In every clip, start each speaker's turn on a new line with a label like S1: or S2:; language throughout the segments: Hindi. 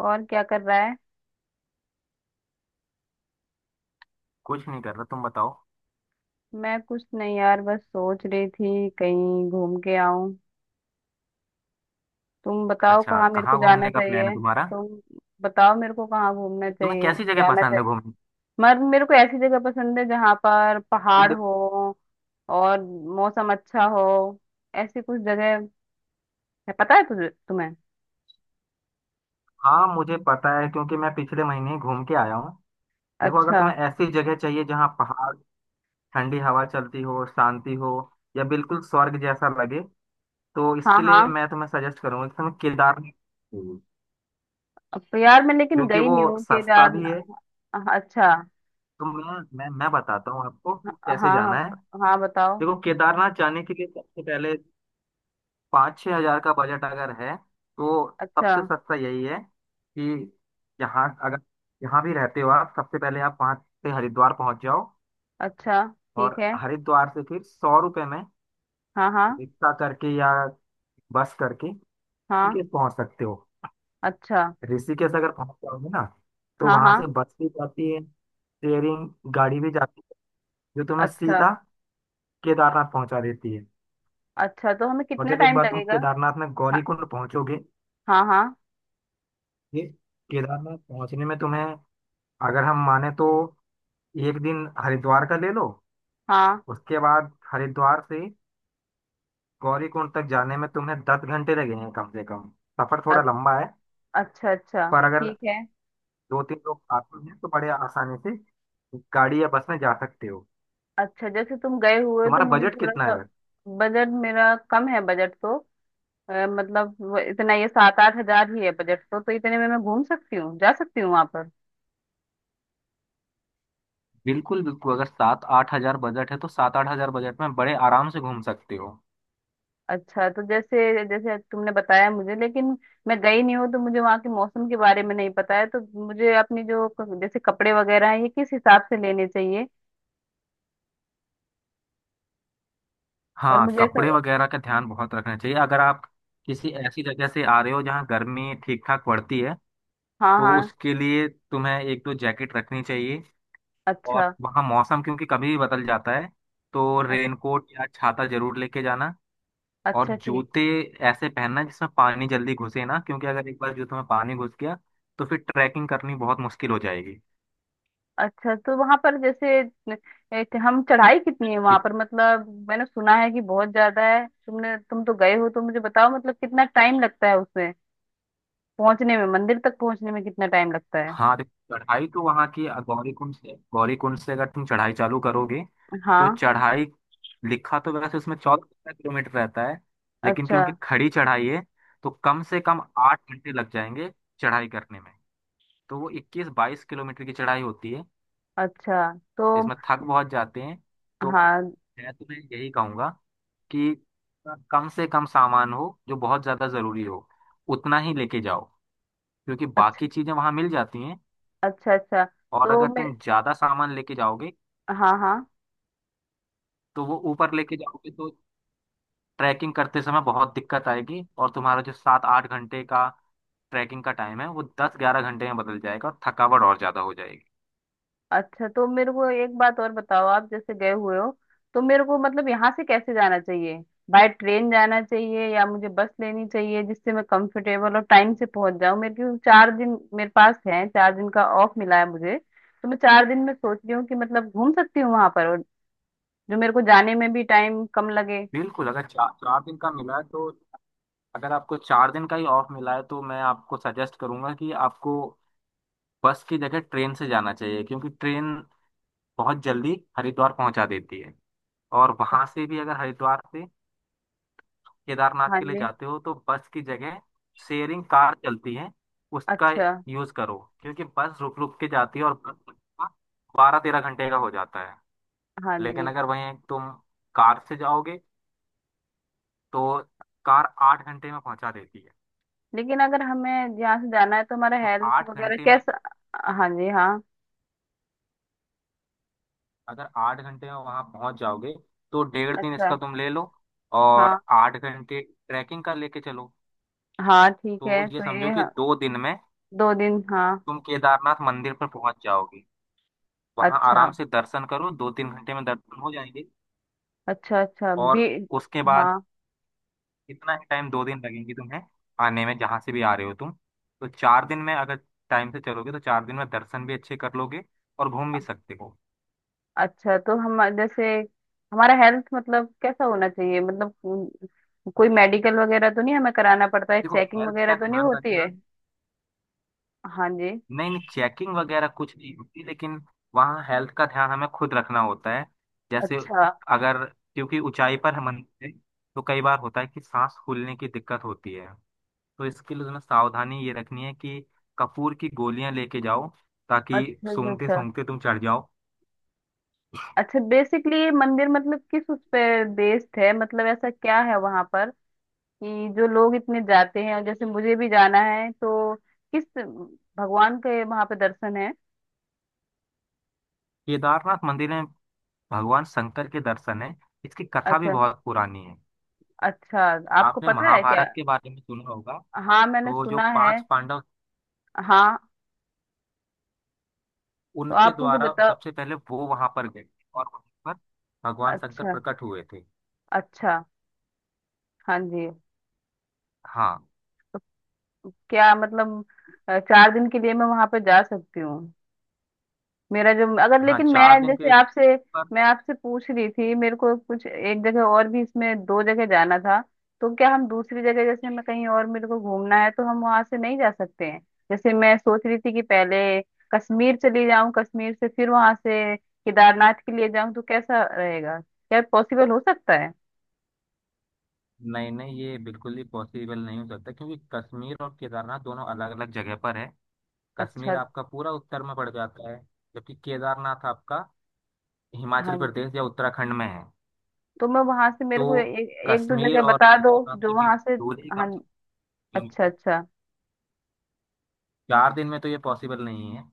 S1: और क्या कर रहा है।
S2: कुछ नहीं कर रहा। तुम बताओ।
S1: मैं कुछ नहीं यार, बस सोच रही थी कहीं घूम के आऊं। तुम बताओ
S2: अच्छा,
S1: कहाँ मेरे को
S2: कहाँ
S1: जाना
S2: घूमने का प्लान है
S1: चाहिए।
S2: तुम्हारा?
S1: तुम बताओ मेरे को कहाँ घूमना
S2: तुम्हें
S1: चाहिए,
S2: कैसी जगह
S1: जाना
S2: पसंद
S1: चाहिए।
S2: है घूमने?
S1: मगर मेरे को ऐसी जगह पसंद है जहाँ पर
S2: अब
S1: पहाड़
S2: देखो।
S1: हो और मौसम अच्छा हो। ऐसी कुछ जगह है पता है तुझे तुम्हें?
S2: हाँ मुझे पता है, क्योंकि मैं पिछले महीने ही घूम के आया हूँ। देखो, अगर
S1: अच्छा।
S2: तुम्हें ऐसी जगह चाहिए जहाँ पहाड़, ठंडी हवा चलती हो, शांति हो, या बिल्कुल स्वर्ग जैसा लगे, तो
S1: हाँ
S2: इसके
S1: हाँ।
S2: लिए मैं तुम्हें सजेस्ट करूंगा कि तुम्हें केदारनाथ जाइए,
S1: अब तो यार मैं लेकिन
S2: क्योंकि
S1: गई
S2: वो
S1: नहीं हूँ
S2: सस्ता
S1: केदार।
S2: भी है।
S1: अच्छा।
S2: तो मैं बताता हूँ आपको कि
S1: हाँ
S2: कैसे जाना
S1: हाँ।
S2: है।
S1: हाँ बताओ।
S2: देखो, केदारनाथ जाने के लिए सबसे पहले 5-6 हजार का बजट अगर है, तो
S1: अच्छा।
S2: सबसे सस्ता यही है कि यहाँ अगर यहाँ भी रहते हो आप, सबसे पहले आप वहाँ से हरिद्वार पहुँच जाओ।
S1: अच्छा ठीक
S2: और
S1: है।
S2: हरिद्वार से फिर 100 रुपये में
S1: हाँ हाँ।
S2: रिक्शा करके या बस करके
S1: हाँ।
S2: ऋषिकेश पहुँच सकते हो।
S1: अच्छा।
S2: ऋषिकेश अगर पहुँच जाओगे ना, तो
S1: हाँ
S2: वहाँ
S1: हाँ।
S2: से बस भी जाती है, शेयरिंग गाड़ी भी जाती है, जो तुम्हें
S1: अच्छा।
S2: सीधा केदारनाथ पहुँचा देती है।
S1: अच्छा तो हमें
S2: और
S1: कितना
S2: जब एक
S1: टाइम
S2: बार तुम
S1: लगेगा?
S2: केदारनाथ में
S1: हाँ।
S2: गौरीकुंड पहुँचोगे,
S1: हाँ हाँ।
S2: ये केदारनाथ पहुँचने में तुम्हें, अगर हम माने तो, एक दिन हरिद्वार का ले लो।
S1: हाँ।
S2: उसके बाद हरिद्वार से गौरीकुंड तक जाने में तुम्हें 10 घंटे लगेंगे कम से कम। सफर
S1: अ-
S2: थोड़ा लंबा है,
S1: अच्छा अच्छा।
S2: पर अगर
S1: ठीक है।
S2: दो तीन लोग आते हैं तो बड़े आसानी से गाड़ी या बस में जा सकते हो।
S1: अच्छा जैसे तुम गए हुए हो, तो
S2: तुम्हारा
S1: मुझे
S2: बजट
S1: थोड़ा
S2: कितना
S1: सा।
S2: है?
S1: बजट मेरा कम है, बजट तो मतलब वो इतना ये सात आठ हजार ही है बजट तो इतने में मैं घूम सकती हूँ, जा सकती हूँ वहां पर।
S2: बिल्कुल बिल्कुल, अगर 7-8 हजार बजट है तो 7-8 हजार बजट में बड़े आराम से घूम सकते हो।
S1: अच्छा तो जैसे जैसे तुमने बताया मुझे, लेकिन मैं गई नहीं हूँ तो मुझे वहाँ के मौसम के बारे में नहीं पता है, तो मुझे अपनी जो जैसे कपड़े वगैरह हैं ये किस हिसाब से लेने चाहिए? और
S2: हाँ,
S1: मुझे ऐसा।
S2: कपड़े वगैरह का ध्यान बहुत रखना चाहिए अगर आप किसी ऐसी जगह से आ रहे हो जहाँ गर्मी ठीक ठाक पड़ती है।
S1: हाँ
S2: तो
S1: हाँ।
S2: उसके लिए तुम्हें एक दो जैकेट रखनी चाहिए। और
S1: अच्छा।
S2: वहाँ मौसम क्योंकि कभी भी बदल जाता है, तो
S1: अ-
S2: रेनकोट या छाता जरूर लेके जाना। और
S1: अच्छा ठीक।
S2: जूते ऐसे पहनना जिसमें पानी जल्दी घुसे ना, क्योंकि अगर एक बार जूते में पानी घुस गया तो फिर ट्रैकिंग करनी बहुत मुश्किल हो जाएगी।
S1: अच्छा तो वहां पर जैसे एक हम चढ़ाई कितनी है वहां पर, मतलब मैंने सुना है कि बहुत ज्यादा है, तुम तो गए हो तो मुझे बताओ मतलब कितना टाइम लगता है उसमें पहुंचने में, मंदिर तक पहुंचने में कितना टाइम लगता है?
S2: हाँ देखो, चढ़ाई तो वहाँ की गौरी कुंड से, अगर तुम चढ़ाई चालू करोगे तो
S1: हाँ।
S2: चढ़ाई, लिखा तो वैसे उसमें 14-15 किलोमीटर रहता है, लेकिन
S1: अच्छा।
S2: क्योंकि खड़ी चढ़ाई है तो कम से कम 8 घंटे लग जाएंगे चढ़ाई करने में। तो वो 21-22 किलोमीटर की चढ़ाई होती है।
S1: अच्छा। तो।
S2: इसमें थक बहुत जाते हैं। तो
S1: हाँ।
S2: मैं तुम्हें यही कहूंगा कि कम से कम सामान हो, जो बहुत ज्यादा जरूरी हो उतना ही लेके जाओ, क्योंकि
S1: अच्छा।
S2: बाकी चीजें वहां मिल जाती हैं।
S1: अच्छा अच्छा।
S2: और
S1: तो
S2: अगर
S1: मैं।
S2: तुम ज्यादा सामान लेके जाओगे,
S1: हाँ हाँ।
S2: तो वो ऊपर लेके जाओगे तो ट्रैकिंग करते समय बहुत दिक्कत आएगी, और तुम्हारा जो 7-8 घंटे का ट्रैकिंग का टाइम है वो 10-11 घंटे में बदल जाएगा, और थकावट और ज्यादा हो जाएगी।
S1: अच्छा तो मेरे को एक बात और बताओ, आप जैसे गए हुए हो तो मेरे को मतलब यहाँ से कैसे जाना चाहिए? बाय ट्रेन जाना चाहिए या मुझे बस लेनी चाहिए, जिससे मैं कंफर्टेबल और टाइम से पहुंच जाऊँ, मेरे क्योंकि चार दिन मेरे पास है, चार दिन का ऑफ मिला है मुझे। तो मैं चार दिन में सोच रही हूँ कि मतलब घूम सकती हूँ वहां पर, और जो मेरे को जाने में भी टाइम कम लगे।
S2: बिल्कुल, अगर चार चार दिन का मिला है तो, अगर आपको 4 दिन का ही ऑफ मिला है, तो मैं आपको सजेस्ट करूंगा कि आपको बस की जगह ट्रेन से जाना चाहिए, क्योंकि ट्रेन बहुत जल्दी हरिद्वार पहुंचा देती है। और वहां से भी, अगर हरिद्वार से केदारनाथ
S1: हाँ
S2: के लिए
S1: जी।
S2: जाते हो तो बस की जगह शेयरिंग कार चलती है, उसका
S1: अच्छा।
S2: यूज करो, क्योंकि बस रुक रुक के जाती है और बस 12-13 घंटे का हो जाता है।
S1: हाँ
S2: लेकिन
S1: जी।
S2: अगर वहीं तुम कार से जाओगे तो कार 8 घंटे में पहुंचा देती है।
S1: लेकिन अगर हमें यहाँ से जाना है तो हमारा
S2: तो
S1: हेल्थ
S2: आठ
S1: वगैरह
S2: घंटे में अगर,
S1: कैसा? हाँ जी हाँ।
S2: अगर 8 घंटे में वहां पहुंच जाओगे तो 1.5 दिन
S1: अच्छा।
S2: इसका तुम ले लो, और
S1: हाँ।
S2: 8 घंटे ट्रैकिंग का लेके चलो।
S1: हाँ ठीक
S2: तो
S1: है।
S2: ये
S1: तो ये
S2: समझो कि 2 दिन में
S1: दो दिन हाँ।
S2: तुम केदारनाथ मंदिर पर पहुंच जाओगे। वहाँ
S1: अच्छा।
S2: आराम से दर्शन करो, 2-3 घंटे में दर्शन हो जाएंगे।
S1: अच्छा अच्छा भी।
S2: और उसके बाद,
S1: हाँ।
S2: इतना ही टाइम, 2 दिन लगेंगे तुम्हें आने में, जहाँ से भी आ रहे हो तुम। तो 4 दिन में अगर टाइम से चलोगे तो 4 दिन में दर्शन भी अच्छे कर लोगे और घूम भी सकते हो।
S1: अच्छा तो हम जैसे हमारा हेल्थ मतलब कैसा होना चाहिए, मतलब कोई मेडिकल वगैरह तो नहीं हमें कराना पड़ता है,
S2: देखो,
S1: चेकिंग
S2: हेल्थ
S1: वगैरह
S2: का
S1: तो नहीं
S2: ध्यान
S1: होती है?
S2: रखना।
S1: हाँ जी।
S2: नहीं नहीं, चेकिंग वगैरह कुछ नहीं होती, लेकिन वहाँ हेल्थ का ध्यान हमें खुद रखना होता है। जैसे,
S1: अच्छा
S2: अगर, क्योंकि ऊंचाई पर हम, मंदिर है, तो कई बार होता है कि सांस फूलने की दिक्कत होती है। तो इसके लिए तुम्हें सावधानी ये रखनी है कि कपूर की गोलियां लेके जाओ, ताकि
S1: अच्छा अच्छा।
S2: सूंघते
S1: अच्छा।
S2: सूंघते तुम चढ़ जाओ।
S1: अच्छा बेसिकली ये मंदिर मतलब किस उस पे बेस्ड है, मतलब ऐसा क्या है वहां पर कि जो लोग इतने जाते हैं, और जैसे मुझे भी जाना है तो किस भगवान के वहां पे दर्शन है?
S2: केदारनाथ मंदिर में भगवान शंकर के दर्शन है। इसकी कथा भी
S1: अच्छा।
S2: बहुत पुरानी है।
S1: अच्छा। आपको
S2: आपने
S1: पता है क्या?
S2: महाभारत के बारे में सुना होगा।
S1: हाँ मैंने
S2: तो जो
S1: सुना है।
S2: पांच पांडव,
S1: हाँ तो
S2: उनके
S1: आप मुझे
S2: द्वारा
S1: बताओ।
S2: सबसे पहले वो वहां पर गए, और वहां पर भगवान शंकर
S1: अच्छा।
S2: प्रकट हुए थे।
S1: अच्छा। हाँ जी।
S2: हाँ।
S1: क्या मतलब चार दिन के लिए मैं वहां पे जा सकती हूँ? मेरा जो अगर
S2: हाँ,
S1: लेकिन मैं
S2: 4 दिन
S1: जैसे
S2: के,
S1: आपसे,
S2: पर
S1: मैं आपसे पूछ रही थी, मेरे को कुछ एक जगह और भी, इसमें दो जगह जाना था, तो क्या हम दूसरी जगह जैसे मैं कहीं और मेरे को घूमना है तो हम वहां से नहीं जा सकते हैं? जैसे मैं सोच रही थी कि पहले कश्मीर चली जाऊं, कश्मीर से फिर वहां से केदारनाथ के लिए जाऊं तो कैसा रहेगा, क्या पॉसिबल हो सकता है?
S2: नहीं नहीं, ये बिल्कुल ही पॉसिबल नहीं हो सकता, क्योंकि कश्मीर और केदारनाथ दोनों अलग अलग जगह पर है। कश्मीर
S1: अच्छा।
S2: आपका पूरा उत्तर में पड़ जाता है, जबकि केदारनाथ आपका हिमाचल
S1: हाँ।
S2: प्रदेश या उत्तराखंड में है।
S1: तो मैं वहां से
S2: तो
S1: मेरे को एक एक दो
S2: कश्मीर
S1: जगह
S2: और
S1: बता दो,
S2: केदारनाथ
S1: जो
S2: के बीच
S1: वहां से।
S2: दूरी ही
S1: हाँ।
S2: कम से कम
S1: अच्छा
S2: किलोमीटर,
S1: अच्छा।
S2: 4 दिन में तो ये पॉसिबल नहीं है।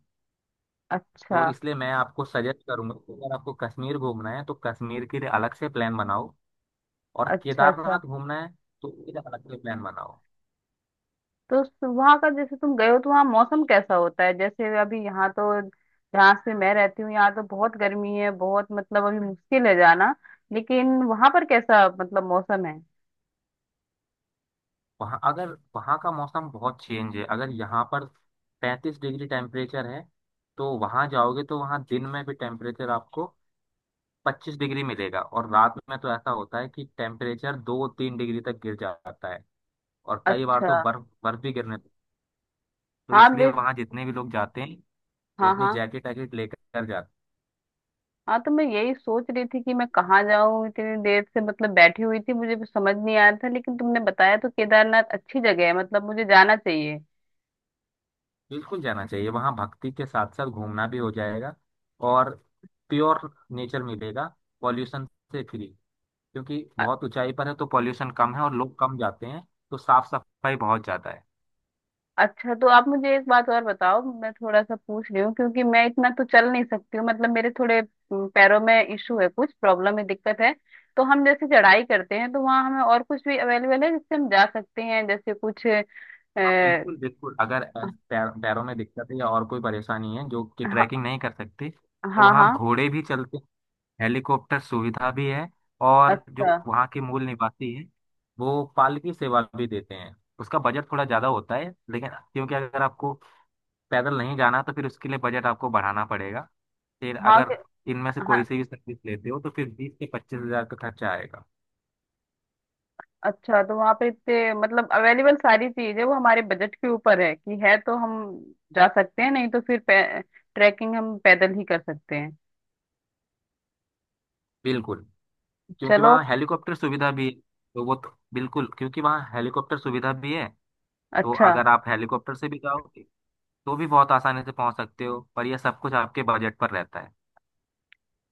S2: तो
S1: अच्छा।
S2: इसलिए मैं आपको सजेस्ट करूंगा कि अगर आपको कश्मीर घूमना है तो कश्मीर के लिए अलग से प्लान बनाओ, और
S1: अच्छा। अच्छा
S2: केदारनाथ घूमना है तो फिर अलग से प्लान बनाओ।
S1: तो वहां का जैसे तुम गए हो तो वहाँ मौसम कैसा होता है? जैसे अभी यहाँ तो, जहाँ से मैं रहती हूँ यहाँ तो बहुत गर्मी है, बहुत मतलब अभी मुश्किल है जाना, लेकिन वहां पर कैसा मतलब मौसम है?
S2: वहाँ अगर, वहाँ का मौसम बहुत चेंज है। अगर यहाँ पर 35 डिग्री टेम्परेचर है, तो वहाँ जाओगे तो वहाँ दिन में भी टेम्परेचर आपको 25 डिग्री मिलेगा, और रात में तो ऐसा होता है कि टेम्परेचर 2-3 डिग्री तक गिर जाता है। और कई बार
S1: अच्छा।
S2: तो बर्फ बर्फ भी गिरने। तो
S1: हाँ
S2: इसलिए
S1: बेस,
S2: वहां जितने भी लोग जाते हैं, वो
S1: हाँ
S2: अपनी
S1: हाँ।
S2: जैकेट वैकेट लेकर जाते हैं।
S1: हाँ तो मैं यही सोच रही थी कि मैं कहाँ जाऊँ, इतनी देर से मतलब बैठी हुई थी, मुझे भी समझ नहीं आया था, लेकिन तुमने बताया तो केदारनाथ अच्छी जगह है, मतलब मुझे जाना चाहिए।
S2: बिल्कुल जाना चाहिए, वहां भक्ति के साथ साथ घूमना भी हो जाएगा। और प्योर नेचर मिलेगा, पॉल्यूशन से फ्री, क्योंकि
S1: अ-
S2: बहुत ऊंचाई पर है तो पॉल्यूशन कम है और लोग कम जाते हैं, तो साफ सफाई बहुत ज्यादा है।
S1: अच्छा तो आप मुझे एक बात और बताओ, मैं थोड़ा सा पूछ रही हूँ क्योंकि मैं इतना तो चल नहीं सकती हूँ, मतलब मेरे थोड़े पैरों में इशू है, कुछ प्रॉब्लम है, दिक्कत है। तो हम जैसे चढ़ाई करते हैं तो वहाँ हमें और कुछ भी अवेलेबल है जिससे हम जा सकते हैं जैसे कुछ?
S2: हाँ
S1: अ,
S2: बिल्कुल बिल्कुल, अगर पैरों में दिक्कत है या और कोई परेशानी है जो कि
S1: हाँ
S2: ट्रैकिंग नहीं कर सकती, तो
S1: हाँ
S2: वहाँ
S1: हाँ,
S2: घोड़े भी चलते हैं, हेलीकॉप्टर सुविधा भी है, और
S1: अच्छा।
S2: जो वहाँ के मूल निवासी हैं वो पालकी सेवा भी देते हैं। उसका बजट थोड़ा ज़्यादा होता है, लेकिन क्योंकि अगर आपको पैदल नहीं जाना, तो फिर उसके लिए बजट आपको बढ़ाना पड़ेगा। फिर
S1: हाँ
S2: अगर
S1: कि-
S2: इनमें से कोई
S1: हाँ।
S2: से भी सर्विस लेते हो तो फिर 20-25 हजार का खर्चा आएगा।
S1: अच्छा तो वहाँ पे इतने मतलब अवेलेबल सारी चीज है, वो हमारे बजट के ऊपर है कि है तो हम जा सकते हैं, नहीं तो फिर ट्रैकिंग हम पैदल ही कर सकते हैं।
S2: बिल्कुल, क्योंकि
S1: चलो।
S2: वहाँ हेलीकॉप्टर सुविधा भी है, तो वो तो बिल्कुल, क्योंकि वहाँ हेलीकॉप्टर सुविधा भी है, तो
S1: अच्छा।
S2: अगर आप हेलीकॉप्टर से भी जाओगे तो भी बहुत आसानी से पहुंच सकते हो, पर यह सब कुछ आपके बजट पर रहता है।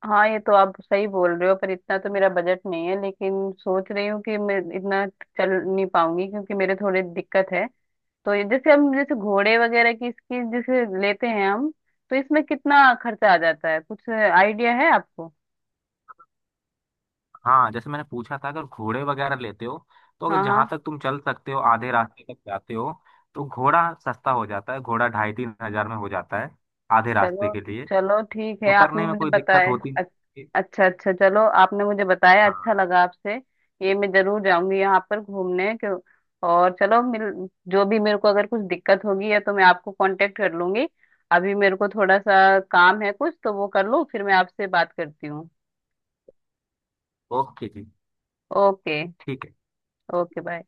S1: हाँ ये तो आप सही बोल रहे हो, पर इतना तो मेरा बजट नहीं है, लेकिन सोच रही हूँ कि मैं इतना चल नहीं पाऊंगी क्योंकि मेरे थोड़े दिक्कत है। तो ये जैसे हम जैसे घोड़े वगैरह की इसकी जैसे लेते हैं हम, तो इसमें कितना खर्चा आ जाता है, कुछ आइडिया है आपको?
S2: हाँ, जैसे मैंने पूछा था, अगर घोड़े वगैरह लेते हो, तो अगर
S1: हाँ
S2: जहाँ
S1: हाँ।
S2: तक तुम चल सकते हो आधे रास्ते तक जाते हो, तो घोड़ा सस्ता हो जाता है, घोड़ा 2.5-3 हजार में हो जाता है आधे रास्ते
S1: चलो।
S2: के लिए।
S1: चलो ठीक है, आपने
S2: उतरने में
S1: मुझे
S2: कोई दिक्कत
S1: बताया।
S2: होती
S1: अच-
S2: नहीं।
S1: अच्छा अच्छा चलो, आपने मुझे बताया,
S2: हाँ।
S1: अच्छा लगा आपसे। ये मैं जरूर जाऊंगी यहाँ पर घूमने क्यों। और चलो मिल, जो भी मेरे को अगर कुछ दिक्कत होगी या तो मैं आपको कांटेक्ट कर लूंगी। अभी मेरे को थोड़ा सा काम है कुछ, तो वो कर लूँ फिर मैं आपसे बात करती हूँ।
S2: ओके जी।
S1: ओके।
S2: ठीक है।
S1: Okay bye.